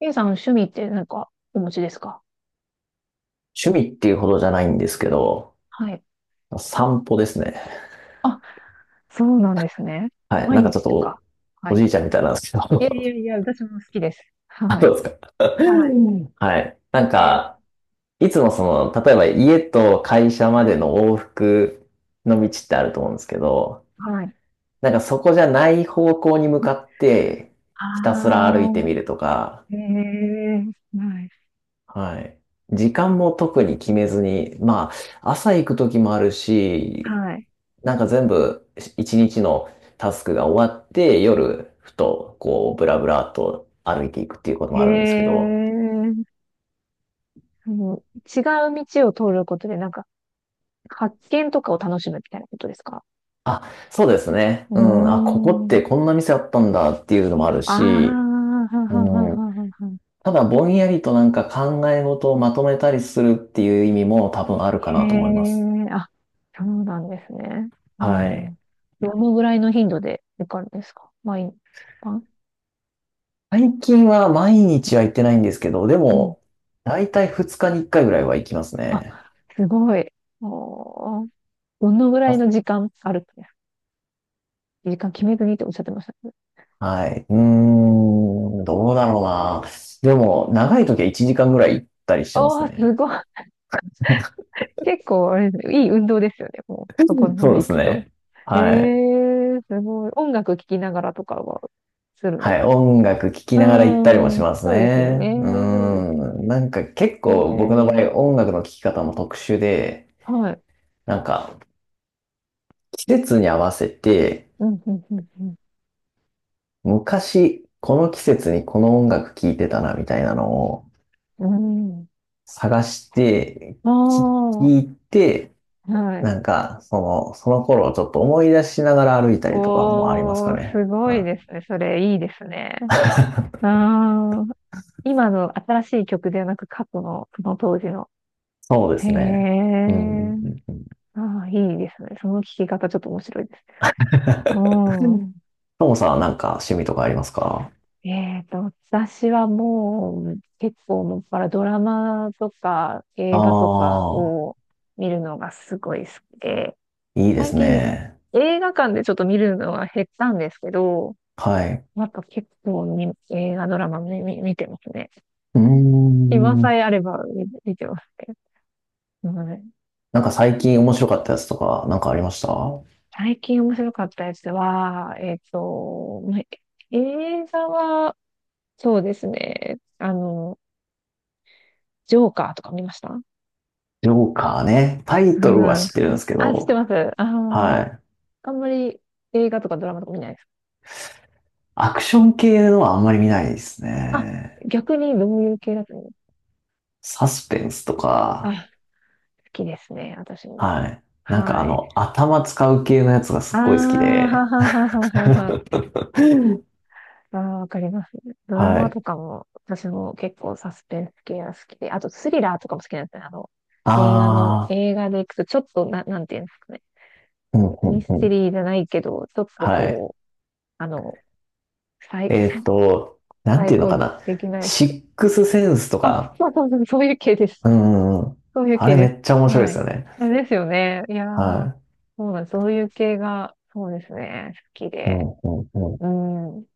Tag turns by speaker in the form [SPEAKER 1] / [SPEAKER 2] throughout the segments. [SPEAKER 1] ゆうさん、趣味って何かお持ちですか？
[SPEAKER 2] 趣味っていうほどじゃないんですけど、
[SPEAKER 1] はい。
[SPEAKER 2] 散歩ですね。
[SPEAKER 1] あ、そうなんですね。
[SPEAKER 2] はい。な
[SPEAKER 1] 毎
[SPEAKER 2] んかちょっ
[SPEAKER 1] 日
[SPEAKER 2] と
[SPEAKER 1] と
[SPEAKER 2] お、
[SPEAKER 1] か。は
[SPEAKER 2] お
[SPEAKER 1] い。
[SPEAKER 2] じいちゃんみたいなんですけ
[SPEAKER 1] いやい
[SPEAKER 2] ど、
[SPEAKER 1] や いや、私も好きです。
[SPEAKER 2] あ、
[SPEAKER 1] は
[SPEAKER 2] ど
[SPEAKER 1] い。
[SPEAKER 2] うですか。
[SPEAKER 1] は
[SPEAKER 2] はい。
[SPEAKER 1] い。
[SPEAKER 2] いつも例えば家と会社までの往復の道ってあると思うんですけど、
[SPEAKER 1] はい。
[SPEAKER 2] なんかそこじゃない方向に向かって、
[SPEAKER 1] あ
[SPEAKER 2] ひたすら歩いてみる
[SPEAKER 1] あ、
[SPEAKER 2] とか、
[SPEAKER 1] へえ、はい。
[SPEAKER 2] はい。時間も特に決めずに、まあ、朝行く時もあるし、
[SPEAKER 1] はい。
[SPEAKER 2] なんか全部一日のタスクが終わって夜ふとこうブラブラっと歩いていくっていうことも
[SPEAKER 1] へ
[SPEAKER 2] あるんですけど、
[SPEAKER 1] え、その違う道を通ることで、なんか、発見とかを楽しむみたいなことですか？
[SPEAKER 2] あ、そうですね。
[SPEAKER 1] う
[SPEAKER 2] うん、あ、ここっ
[SPEAKER 1] ーん。
[SPEAKER 2] てこんな店あったんだっていうのもある
[SPEAKER 1] ああ、
[SPEAKER 2] し、
[SPEAKER 1] はははは
[SPEAKER 2] うん、
[SPEAKER 1] はは。
[SPEAKER 2] ただぼんやりとなんか考え事をまとめたりするっていう意味も多分あるか
[SPEAKER 1] え
[SPEAKER 2] なと思います。
[SPEAKER 1] えあ、そうなんですね。う
[SPEAKER 2] はい。
[SPEAKER 1] ん。どのぐらいの頻度で行かれるんですか？毎晩？
[SPEAKER 2] 最近は毎日は行ってないんですけど、で
[SPEAKER 1] うん。
[SPEAKER 2] も、だいたい2日に1回ぐらいは行きます
[SPEAKER 1] あ、
[SPEAKER 2] ね。
[SPEAKER 1] すごい。おー、どのぐらいの時間あるんですか？時間決めずにっておっしゃってましたね。
[SPEAKER 2] はい。どうだろうな。でも、長い時は1時間ぐらい行ったりしてます
[SPEAKER 1] おー、
[SPEAKER 2] ね。
[SPEAKER 1] すごい。結構、あれですね、いい運動ですよね。もう、そ
[SPEAKER 2] う
[SPEAKER 1] こ
[SPEAKER 2] ん。
[SPEAKER 1] ま
[SPEAKER 2] そう
[SPEAKER 1] で
[SPEAKER 2] で
[SPEAKER 1] 行
[SPEAKER 2] す
[SPEAKER 1] くと。
[SPEAKER 2] ね。
[SPEAKER 1] え
[SPEAKER 2] はい。
[SPEAKER 1] えすごい。音楽聴きながらとかはするんで
[SPEAKER 2] は
[SPEAKER 1] す
[SPEAKER 2] い。
[SPEAKER 1] か？
[SPEAKER 2] 音楽聴き
[SPEAKER 1] う
[SPEAKER 2] ながら行ったりも
[SPEAKER 1] ー
[SPEAKER 2] し
[SPEAKER 1] ん、
[SPEAKER 2] ます
[SPEAKER 1] そうですよ
[SPEAKER 2] ね。
[SPEAKER 1] ね。
[SPEAKER 2] う
[SPEAKER 1] そうです。
[SPEAKER 2] ーん。なんか結構僕の場
[SPEAKER 1] ね
[SPEAKER 2] 合、音楽の聴き方も特殊で、
[SPEAKER 1] はい。
[SPEAKER 2] なんか季節に合わせて、
[SPEAKER 1] うん、うん、うん、
[SPEAKER 2] 昔、この季節にこの音楽聴いてたな、みたいなのを
[SPEAKER 1] うん。うん。
[SPEAKER 2] 探して、
[SPEAKER 1] お
[SPEAKER 2] 聴
[SPEAKER 1] ー、
[SPEAKER 2] いて、
[SPEAKER 1] はい。
[SPEAKER 2] その頃をちょっと思い出しながら歩いたりとかもあります
[SPEAKER 1] お
[SPEAKER 2] か
[SPEAKER 1] ー、す
[SPEAKER 2] ね。
[SPEAKER 1] ごい
[SPEAKER 2] は
[SPEAKER 1] で
[SPEAKER 2] い。
[SPEAKER 1] すね。それ、いいですね。あー、今の新しい曲ではなく、過去の、その当時の。
[SPEAKER 2] そうで
[SPEAKER 1] へ
[SPEAKER 2] すね。うん。う
[SPEAKER 1] え、
[SPEAKER 2] んうん
[SPEAKER 1] あー、いいですね。その聞き方、ちょっと面白いですね。う
[SPEAKER 2] う
[SPEAKER 1] ん。
[SPEAKER 2] ん。ともさんはなんか趣味とかありますか？
[SPEAKER 1] えっと、私はもう、結構もっぱらドラマとか
[SPEAKER 2] あ
[SPEAKER 1] 映画とか
[SPEAKER 2] あ
[SPEAKER 1] を見るのがすごい好きで、
[SPEAKER 2] ー、いいで
[SPEAKER 1] 最
[SPEAKER 2] す
[SPEAKER 1] 近
[SPEAKER 2] ね。
[SPEAKER 1] 映画館でちょっと見るのは減ったんですけど、
[SPEAKER 2] はい。
[SPEAKER 1] あと結構ね映画ドラマ見てますね。
[SPEAKER 2] うー
[SPEAKER 1] 今さ
[SPEAKER 2] ん。
[SPEAKER 1] えあれば見てますけど。はい。
[SPEAKER 2] なんか最近面白かったやつとか、なんかありました？
[SPEAKER 1] 最近面白かったやつは、映画は、そうですね。ジョーカーとか見ました？
[SPEAKER 2] ジョーカーね。タイトルは
[SPEAKER 1] うん。
[SPEAKER 2] 知ってるんですけ
[SPEAKER 1] あ、知っ
[SPEAKER 2] ど、
[SPEAKER 1] てます。あー、
[SPEAKER 2] はい。
[SPEAKER 1] あんまり映画とかドラマとか見ないです。
[SPEAKER 2] アクション系のはあんまり見ないです
[SPEAKER 1] あ、
[SPEAKER 2] ね。
[SPEAKER 1] 逆にどういう系だと思う？
[SPEAKER 2] サスペンスとか、
[SPEAKER 1] あ、好きですね、私も。
[SPEAKER 2] はい。
[SPEAKER 1] はい。
[SPEAKER 2] 頭使う系のやつがす
[SPEAKER 1] あ
[SPEAKER 2] っ
[SPEAKER 1] あ、
[SPEAKER 2] ごい好きで。
[SPEAKER 1] はははははは。ああ、わかります。ドラ
[SPEAKER 2] は
[SPEAKER 1] マ
[SPEAKER 2] い。
[SPEAKER 1] とかも、私も結構サスペンス系が好きで、あとスリラーとかも好きなんですね。映画の、
[SPEAKER 2] ああ、
[SPEAKER 1] 映画で行くと、ちょっとな、なんていうんですかね。
[SPEAKER 2] うんう
[SPEAKER 1] ミ
[SPEAKER 2] ん
[SPEAKER 1] ス
[SPEAKER 2] う
[SPEAKER 1] テ
[SPEAKER 2] ん。
[SPEAKER 1] リーじゃないけど、ちょっと
[SPEAKER 2] はい。
[SPEAKER 1] こう、あの、サイ、
[SPEAKER 2] なん
[SPEAKER 1] サ
[SPEAKER 2] て
[SPEAKER 1] イ
[SPEAKER 2] いうの
[SPEAKER 1] コ
[SPEAKER 2] かな。
[SPEAKER 1] 的なや
[SPEAKER 2] シ
[SPEAKER 1] つ。
[SPEAKER 2] ックスセンスと
[SPEAKER 1] あ、
[SPEAKER 2] か。
[SPEAKER 1] そうそうそう、そういう系です。
[SPEAKER 2] うんうんうん。
[SPEAKER 1] そういう
[SPEAKER 2] あ
[SPEAKER 1] 系
[SPEAKER 2] れめ
[SPEAKER 1] で
[SPEAKER 2] っちゃ面
[SPEAKER 1] す。
[SPEAKER 2] 白い
[SPEAKER 1] は
[SPEAKER 2] で
[SPEAKER 1] い。
[SPEAKER 2] す
[SPEAKER 1] い
[SPEAKER 2] よね。
[SPEAKER 1] やですよね。いやー、
[SPEAKER 2] は
[SPEAKER 1] そうなんです。そういう系が、そうですね。好き
[SPEAKER 2] い。う
[SPEAKER 1] で。
[SPEAKER 2] んうんうん。
[SPEAKER 1] うん。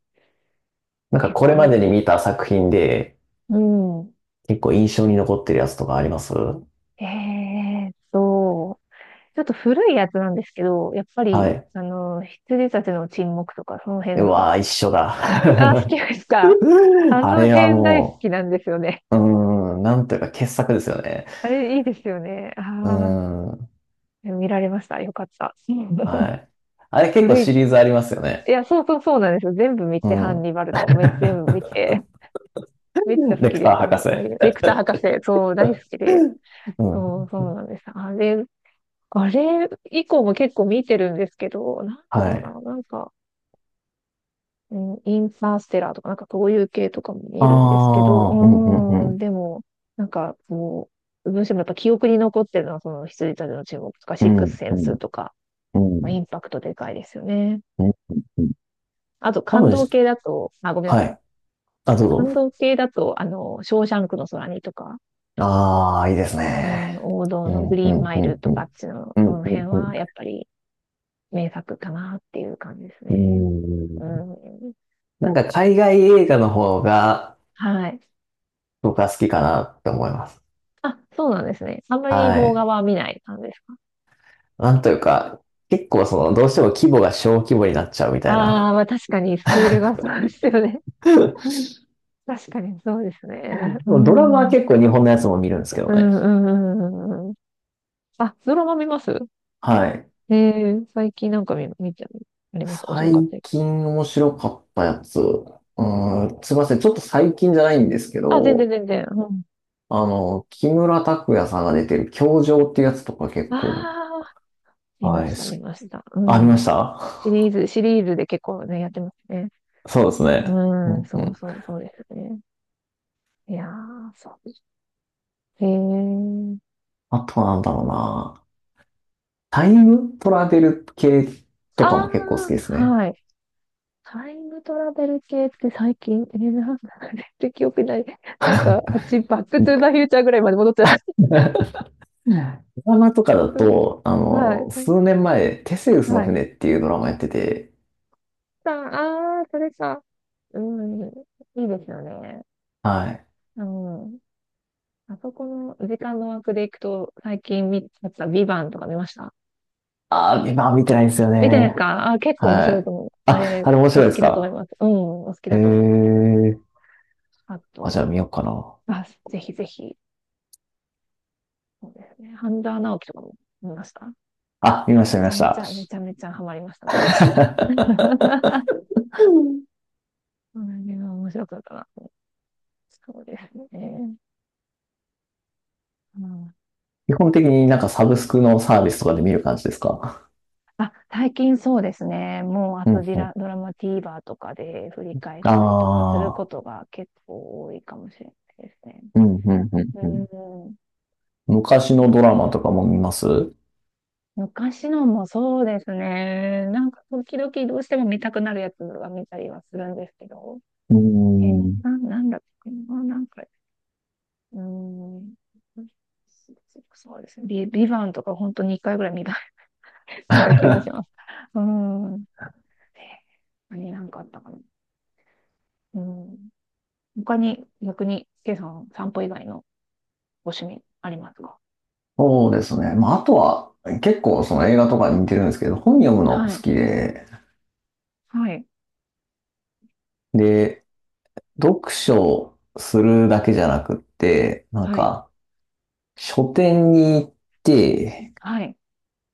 [SPEAKER 2] なんか
[SPEAKER 1] 結
[SPEAKER 2] こ
[SPEAKER 1] 構
[SPEAKER 2] れま
[SPEAKER 1] 見
[SPEAKER 2] で
[SPEAKER 1] る
[SPEAKER 2] に
[SPEAKER 1] ね。
[SPEAKER 2] 見た作品で
[SPEAKER 1] うん。
[SPEAKER 2] 結構印象に残ってるやつとかあります？
[SPEAKER 1] えーっと、ちょっと古いやつなんですけど、やっぱ
[SPEAKER 2] は
[SPEAKER 1] り、
[SPEAKER 2] い。
[SPEAKER 1] 羊たちの沈黙とか、その辺
[SPEAKER 2] う
[SPEAKER 1] の。
[SPEAKER 2] わー、一緒だ。
[SPEAKER 1] あ、好 きですか？あ
[SPEAKER 2] あ
[SPEAKER 1] の
[SPEAKER 2] れは
[SPEAKER 1] 辺大好
[SPEAKER 2] も
[SPEAKER 1] きなんですよね。
[SPEAKER 2] う、うーん、なんというか傑作ですよね。
[SPEAKER 1] あれ、いいですよね。あ
[SPEAKER 2] うー
[SPEAKER 1] あ、
[SPEAKER 2] ん。
[SPEAKER 1] 見られました。よかった。うん
[SPEAKER 2] はい。あれ結構
[SPEAKER 1] 古
[SPEAKER 2] シ
[SPEAKER 1] い。
[SPEAKER 2] リーズありますよ
[SPEAKER 1] い
[SPEAKER 2] ね。
[SPEAKER 1] や、そうそうそうなんですよ。全部見
[SPEAKER 2] う
[SPEAKER 1] て、ハンニ
[SPEAKER 2] ん。
[SPEAKER 1] バルとかもめ全部 見て、めっちゃ好
[SPEAKER 2] レ
[SPEAKER 1] き
[SPEAKER 2] ク
[SPEAKER 1] で
[SPEAKER 2] タ
[SPEAKER 1] す。
[SPEAKER 2] ー博
[SPEAKER 1] はい。
[SPEAKER 2] 士。
[SPEAKER 1] レクター博士、そう、大好きで。
[SPEAKER 2] う
[SPEAKER 1] そ
[SPEAKER 2] ん。
[SPEAKER 1] う、そうなんです。あれ以降も結構見てるんですけど、なんだ
[SPEAKER 2] は
[SPEAKER 1] ろう
[SPEAKER 2] い。
[SPEAKER 1] な、なんか、うん、インターステラーとか、なんかそういう系とかも
[SPEAKER 2] あ
[SPEAKER 1] 見るんですけど、
[SPEAKER 2] あ、うん、うん、う
[SPEAKER 1] うーん、
[SPEAKER 2] ん。
[SPEAKER 1] でも、なんかこう、どうしてもやっぱ記憶に残ってるのは、その羊たちの注目とか、
[SPEAKER 2] う
[SPEAKER 1] シック
[SPEAKER 2] ん、うん、
[SPEAKER 1] スセンスとか、
[SPEAKER 2] うん。う
[SPEAKER 1] まあ、
[SPEAKER 2] ん
[SPEAKER 1] インパクトでかいですよね。
[SPEAKER 2] うんうん。
[SPEAKER 1] あと、
[SPEAKER 2] 多
[SPEAKER 1] 感
[SPEAKER 2] 分
[SPEAKER 1] 動
[SPEAKER 2] し、
[SPEAKER 1] 系だと、あ、ごめんなさ
[SPEAKER 2] は
[SPEAKER 1] い。
[SPEAKER 2] い。あ、どう
[SPEAKER 1] 感
[SPEAKER 2] ぞ。
[SPEAKER 1] 動系だと、ショーシャンクの空にとか、
[SPEAKER 2] ああ、いいです
[SPEAKER 1] う
[SPEAKER 2] ね。
[SPEAKER 1] ん、王道
[SPEAKER 2] う
[SPEAKER 1] の
[SPEAKER 2] ん、
[SPEAKER 1] グ
[SPEAKER 2] う
[SPEAKER 1] リーン
[SPEAKER 2] ん、
[SPEAKER 1] マ
[SPEAKER 2] う
[SPEAKER 1] イル
[SPEAKER 2] ん、
[SPEAKER 1] と
[SPEAKER 2] う
[SPEAKER 1] か、あっ
[SPEAKER 2] ん。
[SPEAKER 1] ちの、
[SPEAKER 2] うん、
[SPEAKER 1] その辺
[SPEAKER 2] うん、
[SPEAKER 1] は、やっぱり名作かなっていう感じです
[SPEAKER 2] う
[SPEAKER 1] ね。
[SPEAKER 2] ん。う
[SPEAKER 1] う
[SPEAKER 2] ん。
[SPEAKER 1] ん、
[SPEAKER 2] なんか海外映画の方が
[SPEAKER 1] はい。
[SPEAKER 2] 僕は好きかなって思います。
[SPEAKER 1] あ、そうなんですね。あんまり
[SPEAKER 2] は
[SPEAKER 1] 邦画
[SPEAKER 2] い。
[SPEAKER 1] は見ない感じですか？
[SPEAKER 2] なんというか、結構その、どうしても規模が小規模になっちゃうみたい
[SPEAKER 1] ああ、
[SPEAKER 2] な。
[SPEAKER 1] まあ確かに、スピールがそうですよね。確かにそうですね。う
[SPEAKER 2] ドラ
[SPEAKER 1] ん。
[SPEAKER 2] マは
[SPEAKER 1] うん
[SPEAKER 2] 結構日本のやつも見るんですけどね。
[SPEAKER 1] うんうん。あ、ドラマ見ます？
[SPEAKER 2] はい。
[SPEAKER 1] ええ最近なんか見、見て、あります。面白かっ
[SPEAKER 2] 最
[SPEAKER 1] たです。
[SPEAKER 2] 近面白かったやつ。うーん、すいません。ちょっと最近じゃないんですけ
[SPEAKER 1] あ、全然
[SPEAKER 2] ど、
[SPEAKER 1] 全然。うん。
[SPEAKER 2] あの、木村拓哉さんが出てる教場っていうやつとか結構、
[SPEAKER 1] ああ、見
[SPEAKER 2] は
[SPEAKER 1] ま
[SPEAKER 2] い。
[SPEAKER 1] した、見
[SPEAKER 2] す、
[SPEAKER 1] ました。う
[SPEAKER 2] あ、見まし
[SPEAKER 1] ん。シ
[SPEAKER 2] た？
[SPEAKER 1] リーズ、シリーズで結構ね、やってますね。
[SPEAKER 2] そうですね。う
[SPEAKER 1] うん、
[SPEAKER 2] んう
[SPEAKER 1] そう
[SPEAKER 2] ん。
[SPEAKER 1] そう、そうですね。いやー、そうへえ。
[SPEAKER 2] あとはなんだろうな。タイムトラベル系と
[SPEAKER 1] あ
[SPEAKER 2] かも結構好きです
[SPEAKER 1] あ、
[SPEAKER 2] ね。
[SPEAKER 1] はい。タイムトラベル系って最近、なて記憶ない。なんか、あっち、バックトゥーザフューチャーぐらいまで戻っちゃ
[SPEAKER 2] ドラマとかだ
[SPEAKER 1] う。うん
[SPEAKER 2] と、あ
[SPEAKER 1] はい。
[SPEAKER 2] の、
[SPEAKER 1] はい。
[SPEAKER 2] 数年前、テセウスの
[SPEAKER 1] はい
[SPEAKER 2] 船っていうドラマやってて、
[SPEAKER 1] さあ、あー、それか。うん。いいですよね。
[SPEAKER 2] はい。
[SPEAKER 1] うん。あそこの時間の枠でいくと、最近見ちゃったビバンとか見ました？
[SPEAKER 2] ああ、今は見てないんですよ
[SPEAKER 1] 見てないです
[SPEAKER 2] ね。
[SPEAKER 1] か？あー、結構面
[SPEAKER 2] は
[SPEAKER 1] 白いと
[SPEAKER 2] い。
[SPEAKER 1] 思う。あ
[SPEAKER 2] あ、
[SPEAKER 1] れ、
[SPEAKER 2] あれ面
[SPEAKER 1] お
[SPEAKER 2] 白
[SPEAKER 1] 好
[SPEAKER 2] いです
[SPEAKER 1] きだと思い
[SPEAKER 2] か？
[SPEAKER 1] ます。うん、お好き
[SPEAKER 2] へ
[SPEAKER 1] だと思います、多分。
[SPEAKER 2] え。
[SPEAKER 1] あ
[SPEAKER 2] あ、じゃあ見
[SPEAKER 1] と、
[SPEAKER 2] ようかな。
[SPEAKER 1] あ、ぜひぜひ。そうですね。半沢直樹とかも見ました。
[SPEAKER 2] あ、見まし
[SPEAKER 1] め
[SPEAKER 2] た、見
[SPEAKER 1] ち
[SPEAKER 2] ま
[SPEAKER 1] ゃ
[SPEAKER 2] し
[SPEAKER 1] めち
[SPEAKER 2] た。
[SPEAKER 1] ゃ、めちゃめちゃハマりました、当時。それは面白かったな。そうですね。うん、
[SPEAKER 2] 基本的になんかサブスクのサービスとかで見る感じですか？
[SPEAKER 1] あ、最近そうですね。もう、あ
[SPEAKER 2] うん、う
[SPEAKER 1] とディ
[SPEAKER 2] ん。
[SPEAKER 1] ラ、ドラマ TVer とかで振り返っ
[SPEAKER 2] あ
[SPEAKER 1] たりとかするこ
[SPEAKER 2] あ、
[SPEAKER 1] とが結構多いかもしれないですね。
[SPEAKER 2] うん、うん、う
[SPEAKER 1] う
[SPEAKER 2] ん、うん。
[SPEAKER 1] ん、そ
[SPEAKER 2] 昔
[SPEAKER 1] う
[SPEAKER 2] のドラ
[SPEAKER 1] で
[SPEAKER 2] マ
[SPEAKER 1] す
[SPEAKER 2] とかも
[SPEAKER 1] ね。
[SPEAKER 2] 見ます？う
[SPEAKER 1] 昔のもそうですね。なんか、時々どうしても見たくなるやつは見たりはするんですけど。
[SPEAKER 2] ーん。
[SPEAKER 1] なんだっけな、なんか、うーん、そうですね。ビバンとか本当に1回ぐらい見ついた気が します。うん。何かあったかな。うん。他に逆に、ケイさん、散歩以外のご趣味ありますか？
[SPEAKER 2] そうですね。まあ、あとは、結構その映画とかに似てるんですけど、本読むの好
[SPEAKER 1] はい。
[SPEAKER 2] きで、
[SPEAKER 1] はい。
[SPEAKER 2] で、読書するだけじゃなくって、
[SPEAKER 1] はい。
[SPEAKER 2] 書店に行って、
[SPEAKER 1] はい。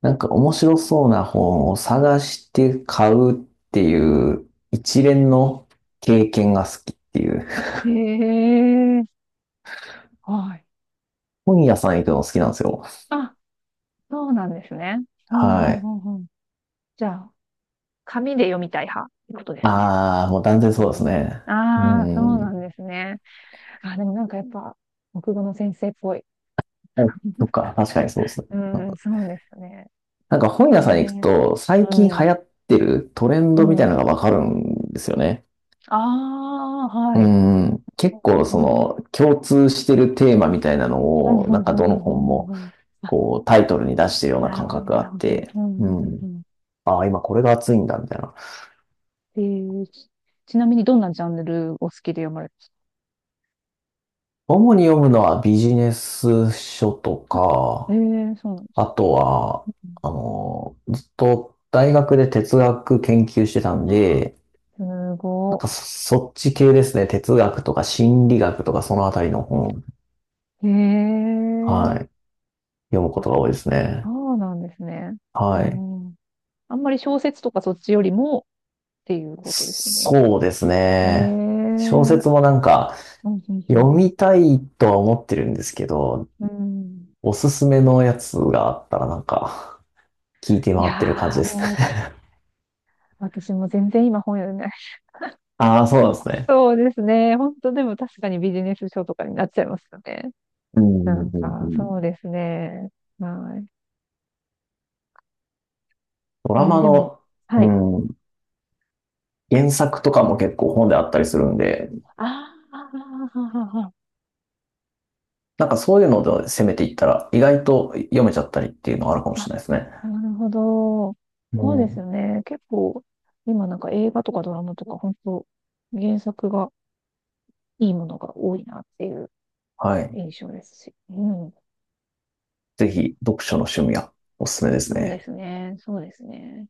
[SPEAKER 2] なんか面白そうな本を探して買うっていう一連の経験が好きっていう。
[SPEAKER 1] へえ。はい。
[SPEAKER 2] 本屋さん行くの好きなんですよ。
[SPEAKER 1] あ、そうなんですね。うんう
[SPEAKER 2] はい。
[SPEAKER 1] んうんうん。じゃあ、紙で読みたい派ってことですね？
[SPEAKER 2] ああ、もう断然
[SPEAKER 1] う
[SPEAKER 2] そうです
[SPEAKER 1] ん、
[SPEAKER 2] ね。う
[SPEAKER 1] ああ、そう
[SPEAKER 2] ん。
[SPEAKER 1] なんですね。あ、でもなんかやっぱ、国語の先生っぽい。
[SPEAKER 2] あ、そっか、確かにそうですね。
[SPEAKER 1] う
[SPEAKER 2] うん。
[SPEAKER 1] ん、そうですね。
[SPEAKER 2] なんか本
[SPEAKER 1] へ
[SPEAKER 2] 屋さん行く
[SPEAKER 1] え。
[SPEAKER 2] と最
[SPEAKER 1] う
[SPEAKER 2] 近流
[SPEAKER 1] ん。
[SPEAKER 2] 行ってるトレン
[SPEAKER 1] う
[SPEAKER 2] ドみたいな
[SPEAKER 1] ん。
[SPEAKER 2] のがわかるんですよね。
[SPEAKER 1] ああ、
[SPEAKER 2] う
[SPEAKER 1] はい。
[SPEAKER 2] ん、結
[SPEAKER 1] う
[SPEAKER 2] 構そ
[SPEAKER 1] んうん。
[SPEAKER 2] の共通してるテーマみたいな
[SPEAKER 1] う
[SPEAKER 2] の
[SPEAKER 1] ん
[SPEAKER 2] を、
[SPEAKER 1] う
[SPEAKER 2] な
[SPEAKER 1] ん
[SPEAKER 2] ん
[SPEAKER 1] う
[SPEAKER 2] かど
[SPEAKER 1] んう
[SPEAKER 2] の
[SPEAKER 1] んう
[SPEAKER 2] 本
[SPEAKER 1] んうんう
[SPEAKER 2] も
[SPEAKER 1] んうんあ、
[SPEAKER 2] こうタイトルに出してるような
[SPEAKER 1] なる
[SPEAKER 2] 感
[SPEAKER 1] ほど、
[SPEAKER 2] 覚が
[SPEAKER 1] な
[SPEAKER 2] あ
[SPEAKER 1] る
[SPEAKER 2] っ
[SPEAKER 1] ほど。
[SPEAKER 2] て、
[SPEAKER 1] う
[SPEAKER 2] う
[SPEAKER 1] んうんうんう
[SPEAKER 2] ん。
[SPEAKER 1] ん。
[SPEAKER 2] ああ、今これが熱いんだみたいな。
[SPEAKER 1] えー、ちちなみにどんなジャンルを好きで読まれ
[SPEAKER 2] 主に読むのはビジネス書と
[SPEAKER 1] ますか？あ、
[SPEAKER 2] か、
[SPEAKER 1] そうなんです
[SPEAKER 2] あとは、
[SPEAKER 1] ね。うん。
[SPEAKER 2] あの、ずっと大学で哲学研究してたん
[SPEAKER 1] あ、
[SPEAKER 2] で、
[SPEAKER 1] す
[SPEAKER 2] なん
[SPEAKER 1] ご
[SPEAKER 2] かそ、そっち系ですね。哲学とか心理学とかそのあたりの本、
[SPEAKER 1] い。
[SPEAKER 2] はい、読むこ
[SPEAKER 1] あ、
[SPEAKER 2] とが多いですね。
[SPEAKER 1] そうなんですね。う
[SPEAKER 2] はい。
[SPEAKER 1] ん。あんまり小説とかそっちよりもっていうことですね。
[SPEAKER 2] そうですね。小説
[SPEAKER 1] あ、
[SPEAKER 2] もなんか
[SPEAKER 1] うん、うん、
[SPEAKER 2] 読
[SPEAKER 1] うん、
[SPEAKER 2] みたいとは思ってるんですけど、
[SPEAKER 1] うん。うん。
[SPEAKER 2] おすすめのやつがあったらなんか聞いて
[SPEAKER 1] い
[SPEAKER 2] 回ってる感じ
[SPEAKER 1] やー、
[SPEAKER 2] です
[SPEAKER 1] もう、
[SPEAKER 2] ね。
[SPEAKER 1] 私も全然今本読んで、
[SPEAKER 2] ああ、そうなんですね。
[SPEAKER 1] そうですね。本当でも確かにビジネス書とかになっちゃいますよね。
[SPEAKER 2] うん
[SPEAKER 1] な
[SPEAKER 2] うん
[SPEAKER 1] ん
[SPEAKER 2] うんう
[SPEAKER 1] か、
[SPEAKER 2] ん。
[SPEAKER 1] そうですね。は
[SPEAKER 2] ド
[SPEAKER 1] い。
[SPEAKER 2] ラマ
[SPEAKER 1] でも、
[SPEAKER 2] の、
[SPEAKER 1] は
[SPEAKER 2] う
[SPEAKER 1] い。
[SPEAKER 2] ん、原作とかも結構本であったりするんで、
[SPEAKER 1] あーあー、あーあ
[SPEAKER 2] なんかそういうので攻めていったら意外と読めちゃったりっていうのがあるかも
[SPEAKER 1] ー
[SPEAKER 2] しれないで
[SPEAKER 1] あ、
[SPEAKER 2] すね。
[SPEAKER 1] なるほど。
[SPEAKER 2] う
[SPEAKER 1] そうですよ
[SPEAKER 2] ん。
[SPEAKER 1] ね。結構、今なんか映画とかドラマとか、本当原作がいいものが多いなっていう
[SPEAKER 2] はい。
[SPEAKER 1] 印象ですし。うん。
[SPEAKER 2] ぜひ読書の趣味はおすすめです
[SPEAKER 1] そうで
[SPEAKER 2] ね。
[SPEAKER 1] すね。そうですね。